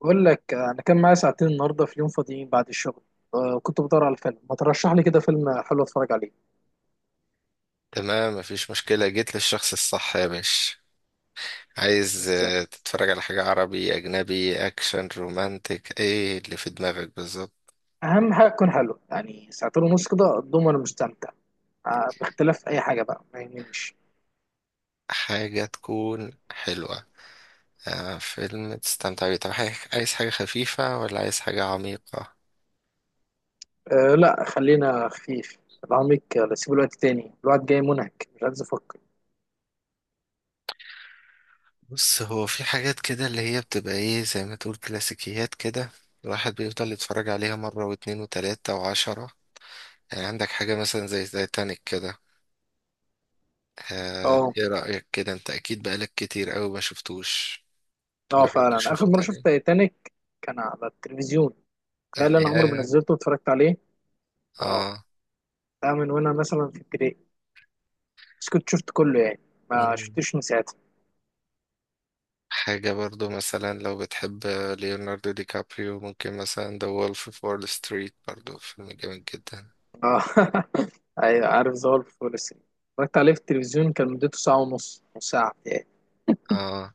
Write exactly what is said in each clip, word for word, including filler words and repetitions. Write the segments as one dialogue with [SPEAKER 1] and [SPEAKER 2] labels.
[SPEAKER 1] بقول لك آه، انا كان معايا ساعتين النهارده في يوم فاضيين بعد الشغل. آه، كنت بدور على فيلم ما ترشح لي كده فيلم حلو اتفرج عليه.
[SPEAKER 2] تمام، مفيش مشكلة، جيت للشخص الصح يا باشا. عايز
[SPEAKER 1] مستني
[SPEAKER 2] آه، تتفرج على حاجة، عربي، أجنبي، أكشن، رومانتك، إيه اللي في دماغك بالظبط؟
[SPEAKER 1] اهم حاجه يكون حلو، يعني ساعتين ونص كده اضمن وانا مستمتع. آه، باختلاف اي حاجه بقى ما يهمنيش.
[SPEAKER 2] حاجة تكون حلوة. آه، فيلم تستمتع بيه. طب، حاجة- عايز حاجة خفيفة ولا عايز حاجة عميقة؟
[SPEAKER 1] أه لا خلينا خفيف. العميق آه، سيب الوقت تاني، الوقت جاي منهك مش عايز افكر.
[SPEAKER 2] بص، هو في حاجات كده اللي هي بتبقى إيه زي ما تقول كلاسيكيات كده. الواحد بيفضل يتفرج عليها مرة واتنين وتلاتة وعشرة. يعني عندك حاجة مثلا زي تايتانيك كده. آه،
[SPEAKER 1] اه.
[SPEAKER 2] ايه رأيك كده؟ انت اكيد بقالك كتير قوي ما شفتوش.
[SPEAKER 1] اه
[SPEAKER 2] تجرب
[SPEAKER 1] فعلا اخر
[SPEAKER 2] تشوفه
[SPEAKER 1] مره شفت
[SPEAKER 2] تاني.
[SPEAKER 1] تايتانيك كان على التلفزيون. تخيل انا عمري ما
[SPEAKER 2] أحياها.
[SPEAKER 1] نزلته واتفرجت عليه. اه،
[SPEAKER 2] اه.
[SPEAKER 1] ده من وانا مثلا في ابتدائي، بس كنت شفت كله يعني، ما
[SPEAKER 2] مم.
[SPEAKER 1] شفتوش من ساعتها.
[SPEAKER 2] حاجة برضو مثلا لو بتحب ليوناردو دي كابريو، ممكن مثلا The Wolf of Wall Street، برضو فيلم جامد جدا.
[SPEAKER 1] اه ايوه عارف ظهر في فول الصين. اتفرجت عليه في التلفزيون كان مدته ساعة ونص، نص ساعة يعني.
[SPEAKER 2] اه.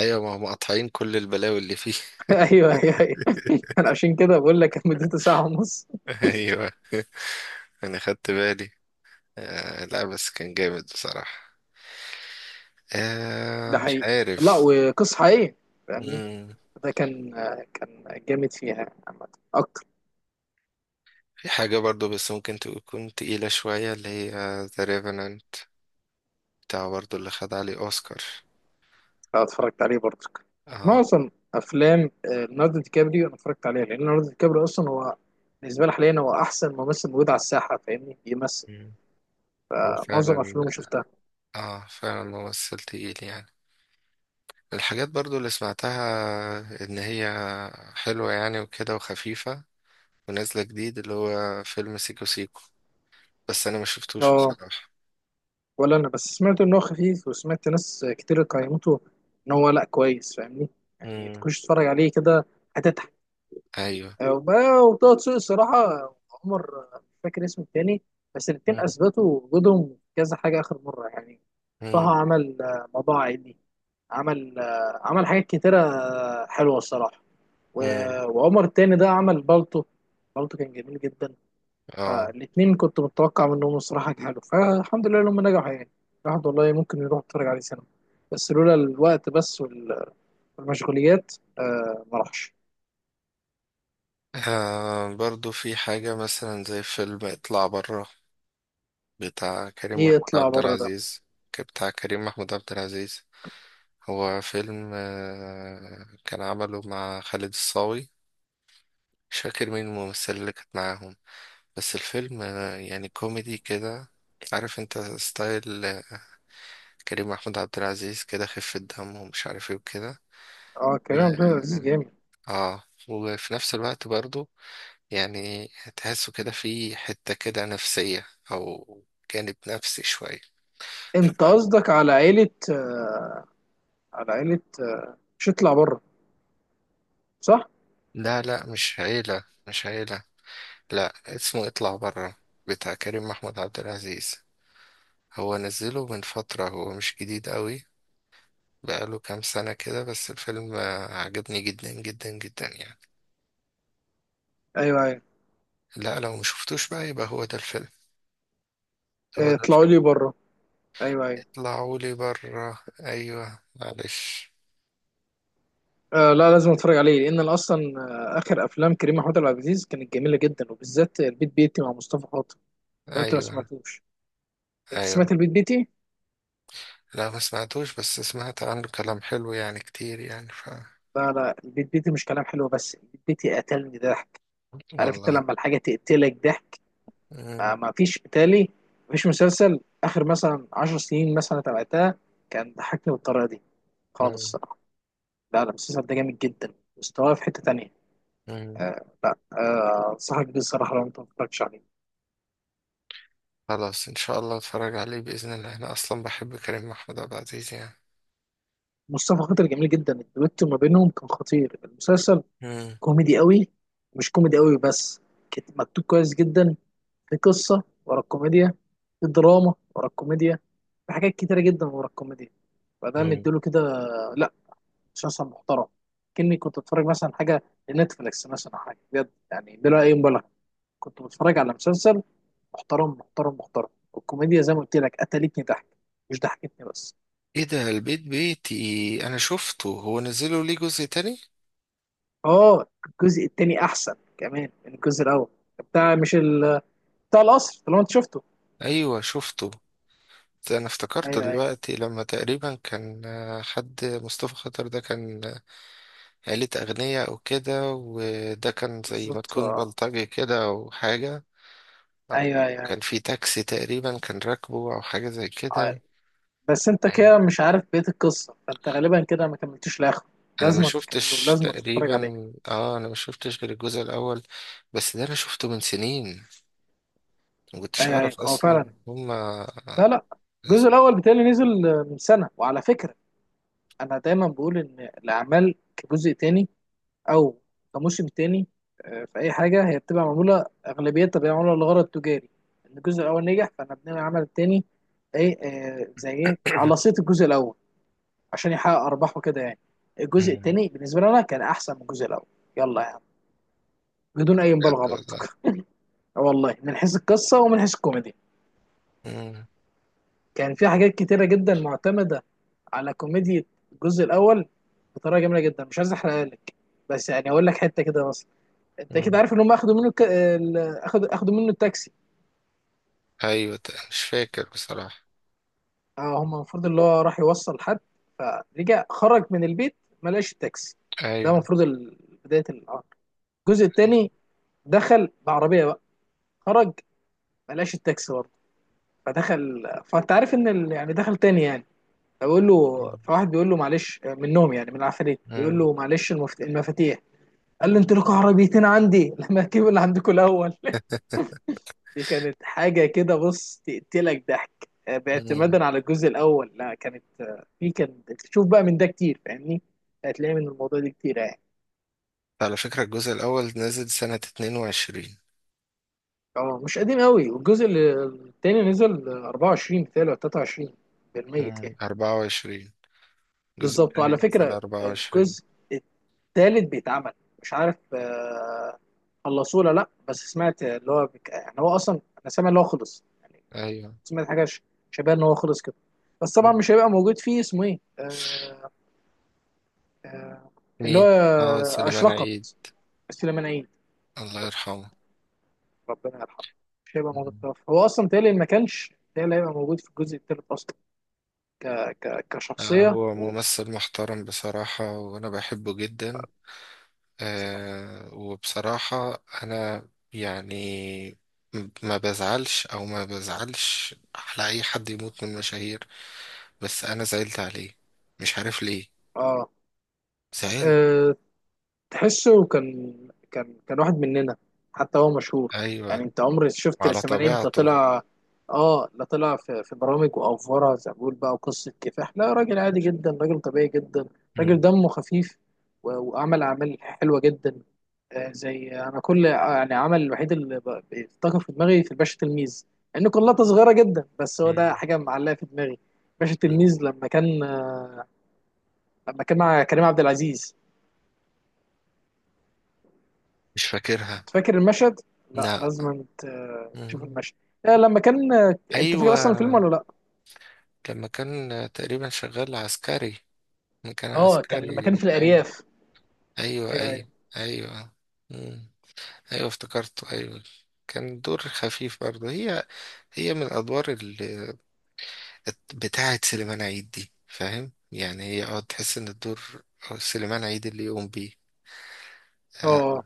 [SPEAKER 2] ايوه، ما هم قاطعين كل البلاوي اللي فيه.
[SPEAKER 1] ايوه ايوه ايوه، أنا عشان كده بقول لك كان مدته ساعة ونص.
[SPEAKER 2] ايوه، انا خدت بالي. آه، لا، بس كان جامد بصراحة.
[SPEAKER 1] ده
[SPEAKER 2] آه، مش
[SPEAKER 1] حقيقي، لا
[SPEAKER 2] عارف.
[SPEAKER 1] وقصة حقيقية فاهمني.
[SPEAKER 2] مم.
[SPEAKER 1] ده كان، كان جامد فيها عامة اكتر.
[SPEAKER 2] في حاجة برضو بس ممكن تكون تقيلة شوية، اللي هي The Revenant، بتاع برضو اللي خد عليه أوسكار.
[SPEAKER 1] لو اتفرجت عليه برضك،
[SPEAKER 2] اه.
[SPEAKER 1] معظم افلام آه، ليوناردو دي كابريو انا اتفرجت عليها، لان ليوناردو دي كابريو اصلا هو بالنسبة لي حاليا هو احسن ممثل موجود على الساحة، فاهمني بيمثل.
[SPEAKER 2] مم. هو
[SPEAKER 1] آه، معظم
[SPEAKER 2] فعلا.
[SPEAKER 1] افلامه شفتها.
[SPEAKER 2] اه، فعلا ممثل تقيل يعني. الحاجات برضو اللي سمعتها ان هي حلوة يعني، وكده، وخفيفة، ونازلة جديد، اللي هو فيلم سيكو سيكو، بس انا ما شفتوش
[SPEAKER 1] اه،
[SPEAKER 2] بصراحة.
[SPEAKER 1] ولا انا بس سمعت ان هو خفيف، وسمعت ناس كتير قيمته ان هو لا كويس، فاهمني، يعني
[SPEAKER 2] امم.
[SPEAKER 1] تخش تتفرج عليه كده هتضحك.
[SPEAKER 2] ايوه.
[SPEAKER 1] وبقى- وطه دسوقي الصراحه. عمر آه، مش فاكر اسمه التاني، بس الاتنين
[SPEAKER 2] امم.
[SPEAKER 1] اثبتوا وجودهم في كذا حاجه اخر مره يعني. طه
[SPEAKER 2] امم.
[SPEAKER 1] عمل آه، موضوع عائلي، عمل آه، عمل حاجات كتيره آه، حلوه الصراحه.
[SPEAKER 2] امم.
[SPEAKER 1] و- وعمر التاني ده عمل بالطو. بالطو كان جميل جدا.
[SPEAKER 2] اه.
[SPEAKER 1] فالاثنين كنت متوقع منهم الصراحه ينجحوا، فالحمد لله لما نجحوا يعني. الواحد والله ممكن يروح يتفرج عليه سينما، بس لولا الوقت بس وال- والمشغوليات آه ما راحش.
[SPEAKER 2] آه، برضو في حاجة مثلا زي فيلم اطلع برا. بتاع كريم
[SPEAKER 1] ايه
[SPEAKER 2] محمود
[SPEAKER 1] يطلع
[SPEAKER 2] عبد
[SPEAKER 1] بره ده؟
[SPEAKER 2] العزيز. ك- بتاع كريم محمود عبد العزيز. هو فيلم آه، كان عمله مع خالد الصاوي. مش فاكر مين الممثلة اللي كانت معاهم. بس الفيلم آه، يعني كوميدي كده. عارف انت ستايل آه، كريم محمود عبد العزيز كده، خفة دم ومش عارف ايه وكده.
[SPEAKER 1] اه
[SPEAKER 2] و
[SPEAKER 1] كريم عبد العزيز جامد.
[SPEAKER 2] اه وفي نفس الوقت برضو، يعني تحسه كده في حتة كده نفسية، أو جانب نفسي شوية. ف...
[SPEAKER 1] انت قصدك على عيله آه، على عيله آه مش يطلع بره، صح؟
[SPEAKER 2] لا، لا، مش عيلة، مش عيلة. لا، اسمه اطلع برا، بتاع كريم محمود عبد العزيز. هو نزله من فترة، هو مش جديد قوي. بقاله كام سنة كده، بس الفيلم آه، عجبني جدا جدا جدا يعني.
[SPEAKER 1] ايوه ايوه،
[SPEAKER 2] لا، لو مشفتوش بقى يبقى هو ده الفيلم. هو
[SPEAKER 1] آه،
[SPEAKER 2] ده
[SPEAKER 1] اطلعوا
[SPEAKER 2] الفيلم.
[SPEAKER 1] لي بره. ايوه ايولا،
[SPEAKER 2] اطلعولي برا، ايوه، معلش.
[SPEAKER 1] آه لا لازم اتفرج عليه لان أنا اصلا آه اخر افلام كريم محمود عبد العزيز كانت جميله جدا، وبالذات البيت بيتي مع مصطفى خاطر. لو انت ما
[SPEAKER 2] ايوه،
[SPEAKER 1] سمعتوش، انت
[SPEAKER 2] ايوه.
[SPEAKER 1] سمعت البيت بيتي؟
[SPEAKER 2] لا، ما سمعتوش، بس سمعت عنه كلام حلو يعني كتير يعني ف
[SPEAKER 1] لا لا، البيت بيتي مش كلام حلو بس، البيت بيتي قتلني ضحك. عارف انت
[SPEAKER 2] والله.
[SPEAKER 1] لما الحاجة تقتلك ضحك، ما
[SPEAKER 2] مم.
[SPEAKER 1] ما فيش بتالي. ما فيش مسلسل آخر مثلا عشر سنين مثلا تابعتها كان ضحكني بالطريقة دي خالص
[SPEAKER 2] مم.
[SPEAKER 1] الصراحة. لا لا، المسلسل ده جامد جدا مستواه في حتة تانية.
[SPEAKER 2] مم.
[SPEAKER 1] لا آه، أنصحك بيه الصراحة لو أنت ما اتفرجتش عليه.
[SPEAKER 2] خلاص، ان شاء الله اتفرج عليه باذن الله، انا اصلا بحب كريم محمود عبد العزيز يعني.
[SPEAKER 1] مصطفى خاطر جميل جدا، الدويتو ما بينهم كان خطير المسلسل.
[SPEAKER 2] مم.
[SPEAKER 1] كوميدي قوي، مش كوميدي قوي بس، كت- مكتوب كويس جدا. في قصة ورا الكوميديا، في دراما ورا الكوميديا، في حاجات كتيرة جدا ورا الكوميديا، فده
[SPEAKER 2] مم.
[SPEAKER 1] مديله كده. لا، مسلسل محترم، كأني كنت بتفرج مثلا حاجة لنتفليكس مثلا أو حاجة بجد يعني بلا أي مبالغة. كنت بتفرج على مسلسل محترم محترم محترم، والكوميديا زي ما قلت لك قتلتني ضحك، مش ضحكتني بس.
[SPEAKER 2] ايه ده؟ البيت بيتي انا شفته، هو نزلوا ليه جزء تاني؟
[SPEAKER 1] اه الجزء التاني أحسن كمان من الجزء الأول. بتاع مش ال... بتاع القصر اللي هو أنت شفته.
[SPEAKER 2] ايوه، شفته. انا افتكرت
[SPEAKER 1] أيوه أيوه
[SPEAKER 2] دلوقتي لما تقريبا كان آه، حد مصطفى خاطر ده كان آه، عيلة أغنياء أو كده، وده كان زي ما
[SPEAKER 1] بالظبط
[SPEAKER 2] تكون
[SPEAKER 1] آه.
[SPEAKER 2] بلطجي كده أو حاجة. أو
[SPEAKER 1] أيوه
[SPEAKER 2] كان
[SPEAKER 1] أيوه
[SPEAKER 2] في تاكسي تقريبا، كان راكبه أو حاجة زي
[SPEAKER 1] أيوه.
[SPEAKER 2] كده.
[SPEAKER 1] بس انت
[SPEAKER 2] أيوة.
[SPEAKER 1] كده مش عارف بقية القصة، فانت غالبا كده ما كملتوش لاخره.
[SPEAKER 2] أنا ما
[SPEAKER 1] لازم تكمله،
[SPEAKER 2] شفتش
[SPEAKER 1] لازم تتفرج
[SPEAKER 2] تقريبا.
[SPEAKER 1] عليه.
[SPEAKER 2] آه، أنا ما شفتش غير الجزء الأول. بس ده أنا شفته من سنين. ما
[SPEAKER 1] اي
[SPEAKER 2] كنتش
[SPEAKER 1] اي
[SPEAKER 2] أعرف
[SPEAKER 1] هو فعلا.
[SPEAKER 2] أصلا هما.
[SPEAKER 1] لا لا، الجزء الاول بتاعي نزل من سنة، وعلى فكرة انا دايما بقول ان الاعمال كجزء تاني او كموسم تاني، آه، في اي حاجة هي بتبقى معمولة اغلبيتها بتبقى معمولة لغرض تجاري. ان الجزء الاول نجح فانا بنعمل العمل التاني. ايه آه، زي ايه على صيت الجزء الاول عشان يحقق ارباحه كده يعني. الجزء التاني بالنسبة لنا كان احسن من الجزء الاول، يلا بدون اي
[SPEAKER 2] بجد
[SPEAKER 1] مبالغه
[SPEAKER 2] والله.
[SPEAKER 1] برضك. والله من حيث القصه ومن حيث الكوميديا،
[SPEAKER 2] مم.
[SPEAKER 1] كان في حاجات كتيره جدا معتمده على كوميديا الجزء الاول بطريقه جميله جدا. مش عايز احرقها لك، بس يعني اقول لك حته كده بس. انت كده
[SPEAKER 2] مم.
[SPEAKER 1] عارف ان هم اخدوا منه ك... ال- اخد اخدوا منه التاكسي.
[SPEAKER 2] أيوة. مش فاكر بصراحة.
[SPEAKER 1] اه هم المفروض اللي هو راح يوصل حد، فرجع خرج من البيت ما لقاش التاكسي. ده
[SPEAKER 2] ايوه.
[SPEAKER 1] المفروض ال- بدايه الامر. الجزء
[SPEAKER 2] أيوة.
[SPEAKER 1] الثاني، دخل بعربيه بقى، خرج ما لقاش التاكسي برضه، فدخل، فانت عارف ان ال... يعني دخل تاني يعني. فبقول له، فواحد بيقول له معلش، منهم يعني من العفاريت، بيقول
[SPEAKER 2] مم.
[SPEAKER 1] له معلش المفت- المفاتيح. قال له انتوا لكم عربيتين عندي، لما اجيب اللي عندكم الاول دي كانت حاجه كده بص تقتلك ضحك آه،
[SPEAKER 2] مم.
[SPEAKER 1] باعتمادا على الجزء الاول. لا كانت آه، في، كان تشوف بقى من ده كتير فاهمني، هتلاقي من الموضوع ده كتير يعني.
[SPEAKER 2] على فكرة، الجزء الأول نزل سنة اتنين وعشرين.
[SPEAKER 1] اه مش قديم قوي، والجزء اللي- التاني نزل آه، أربعة وعشرين بتاعي ولا تلاتة وعشرين بالميت
[SPEAKER 2] مم.
[SPEAKER 1] يعني.
[SPEAKER 2] أربعة وعشرين. الجزء
[SPEAKER 1] بالظبط. وعلى
[SPEAKER 2] الثاني نزل
[SPEAKER 1] فكره
[SPEAKER 2] أربعة وعشرين.
[SPEAKER 1] الجزء تالت بيتعمل، مش عارف آه، خلصوه ولا لا. بس سمعت اللي هو بك... يعني هو اصلا انا سامع اللي هو خلص يعني.
[SPEAKER 2] أيوة.
[SPEAKER 1] سمعت حاجه ش- شبه ان هو خلص كده. بس طبعا
[SPEAKER 2] مم.
[SPEAKER 1] مش هيبقى موجود فيه، اسمه ايه آه، آه، اللي هو
[SPEAKER 2] مين؟ اه، سليمان عيد.
[SPEAKER 1] اشرقت، سليمان عيد،
[SPEAKER 2] الله يرحمه.
[SPEAKER 1] ربنا يرحمه. مش هيبقى موجود
[SPEAKER 2] مم.
[SPEAKER 1] ده. هو اصلا تالي ما كانش تالي هيبقى موجود في الجزء التالت اصلا. ك... ك...
[SPEAKER 2] آه،
[SPEAKER 1] كشخصيه
[SPEAKER 2] هو
[SPEAKER 1] و...
[SPEAKER 2] ممثل محترم بصراحة وأنا بحبه جدا. آه، وبصراحة أنا، يعني، م- ما بزعلش أو ما بزعلش على أي حد يموت من المشاهير. بس أنا زعلت عليه. مش عارف ليه.
[SPEAKER 1] اه
[SPEAKER 2] زعل.
[SPEAKER 1] آه، تحسه كان، كان كان واحد مننا، حتى هو مشهور
[SPEAKER 2] ايوه.
[SPEAKER 1] يعني. انت عمرك شفت
[SPEAKER 2] وعلى
[SPEAKER 1] السمانين ده
[SPEAKER 2] طبيعته.
[SPEAKER 1] طلع؟ اه لا، طلع في، في برامج وافوره زي ما بقول بقى، وقصه كفاح. لا راجل عادي جدا، راجل طبيعي جدا، راجل
[SPEAKER 2] مم.
[SPEAKER 1] دمه خفيف. و- وعمل اعمال حلوه جدا. آه زي انا كل آه، يعني عمل الوحيد اللي ب- بيفتكر في دماغي، في الباشا تلميذ، لان كلها صغيره جدا بس هو ده
[SPEAKER 2] مم.
[SPEAKER 1] حاجه معلقه في دماغي. باشا
[SPEAKER 2] مم.
[SPEAKER 1] تلميذ لما كان، لما كان مع كريم عبد العزيز.
[SPEAKER 2] مش فاكرها.
[SPEAKER 1] فاكر المشهد؟ لا
[SPEAKER 2] لا.
[SPEAKER 1] لازم ت- تشوف
[SPEAKER 2] مم.
[SPEAKER 1] المشهد. آه، لما كان آه، انت
[SPEAKER 2] ايوه،
[SPEAKER 1] فاكر اصلا الفيلم ولا لا؟
[SPEAKER 2] لما كان تقريبا شغال عسكري. لما كان
[SPEAKER 1] اه كان لما كان
[SPEAKER 2] عسكري،
[SPEAKER 1] في
[SPEAKER 2] ايوه.
[SPEAKER 1] الارياف.
[SPEAKER 2] ايوه،
[SPEAKER 1] ايوه ايوه.
[SPEAKER 2] ايوه، ايوه. مم. ايوه، افتكرته، ايوه. كان دور خفيف برضه، هي هي من الادوار اللي بتاعه سليمان عيد دي، فاهم يعني، هي اه تحس ان الدور آه، سليمان عيد اللي يقوم بيه. آه،
[SPEAKER 1] اه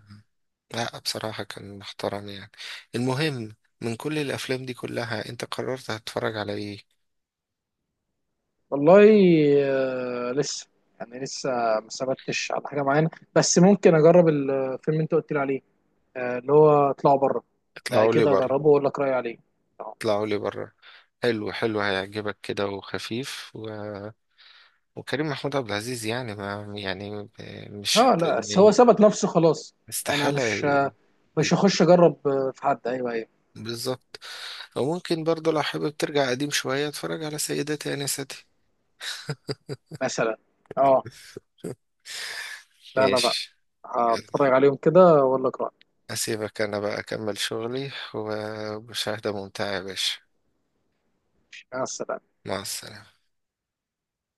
[SPEAKER 2] لا، بصراحة كان محترم يعني. المهم، من كل الأفلام دي كلها، أنت قررت هتتفرج على إيه؟
[SPEAKER 1] والله آه، لسه، يعني لسه ما ثبتش على حاجه معينه. بس ممكن اجرب الفيلم اللي انت قلت لي عليه، آه، اللي هو اطلعوا بره. ده
[SPEAKER 2] اطلعوا لي
[SPEAKER 1] كده
[SPEAKER 2] بره،
[SPEAKER 1] اجربه واقول لك رايي عليه. اه
[SPEAKER 2] اطلعوا لي بره. حلو، حلو، هيعجبك كده، وخفيف و... وكريم محمود عبد العزيز يعني، ما يعني، مش
[SPEAKER 1] آه،
[SPEAKER 2] هت...
[SPEAKER 1] لا بس هو
[SPEAKER 2] يعني.
[SPEAKER 1] ثبت نفسه خلاص. انا
[SPEAKER 2] استحالة.
[SPEAKER 1] مش،
[SPEAKER 2] ي-
[SPEAKER 1] مش هخش اجرب آه، في حد. ايوه ايوه
[SPEAKER 2] بالظبط. أو ممكن برضه، لو حابب ترجع قديم شوية، اتفرج على سيداتي أنستي.
[SPEAKER 1] مثلا. اه لا لا لا،
[SPEAKER 2] ماشي. يلا،
[SPEAKER 1] هتفرج عليهم كده واقول لك رايي.
[SPEAKER 2] أسيبك أنا بقى أكمل شغلي، ومشاهدة ممتعة يا باشا.
[SPEAKER 1] مع السلامة.
[SPEAKER 2] مع السلامة.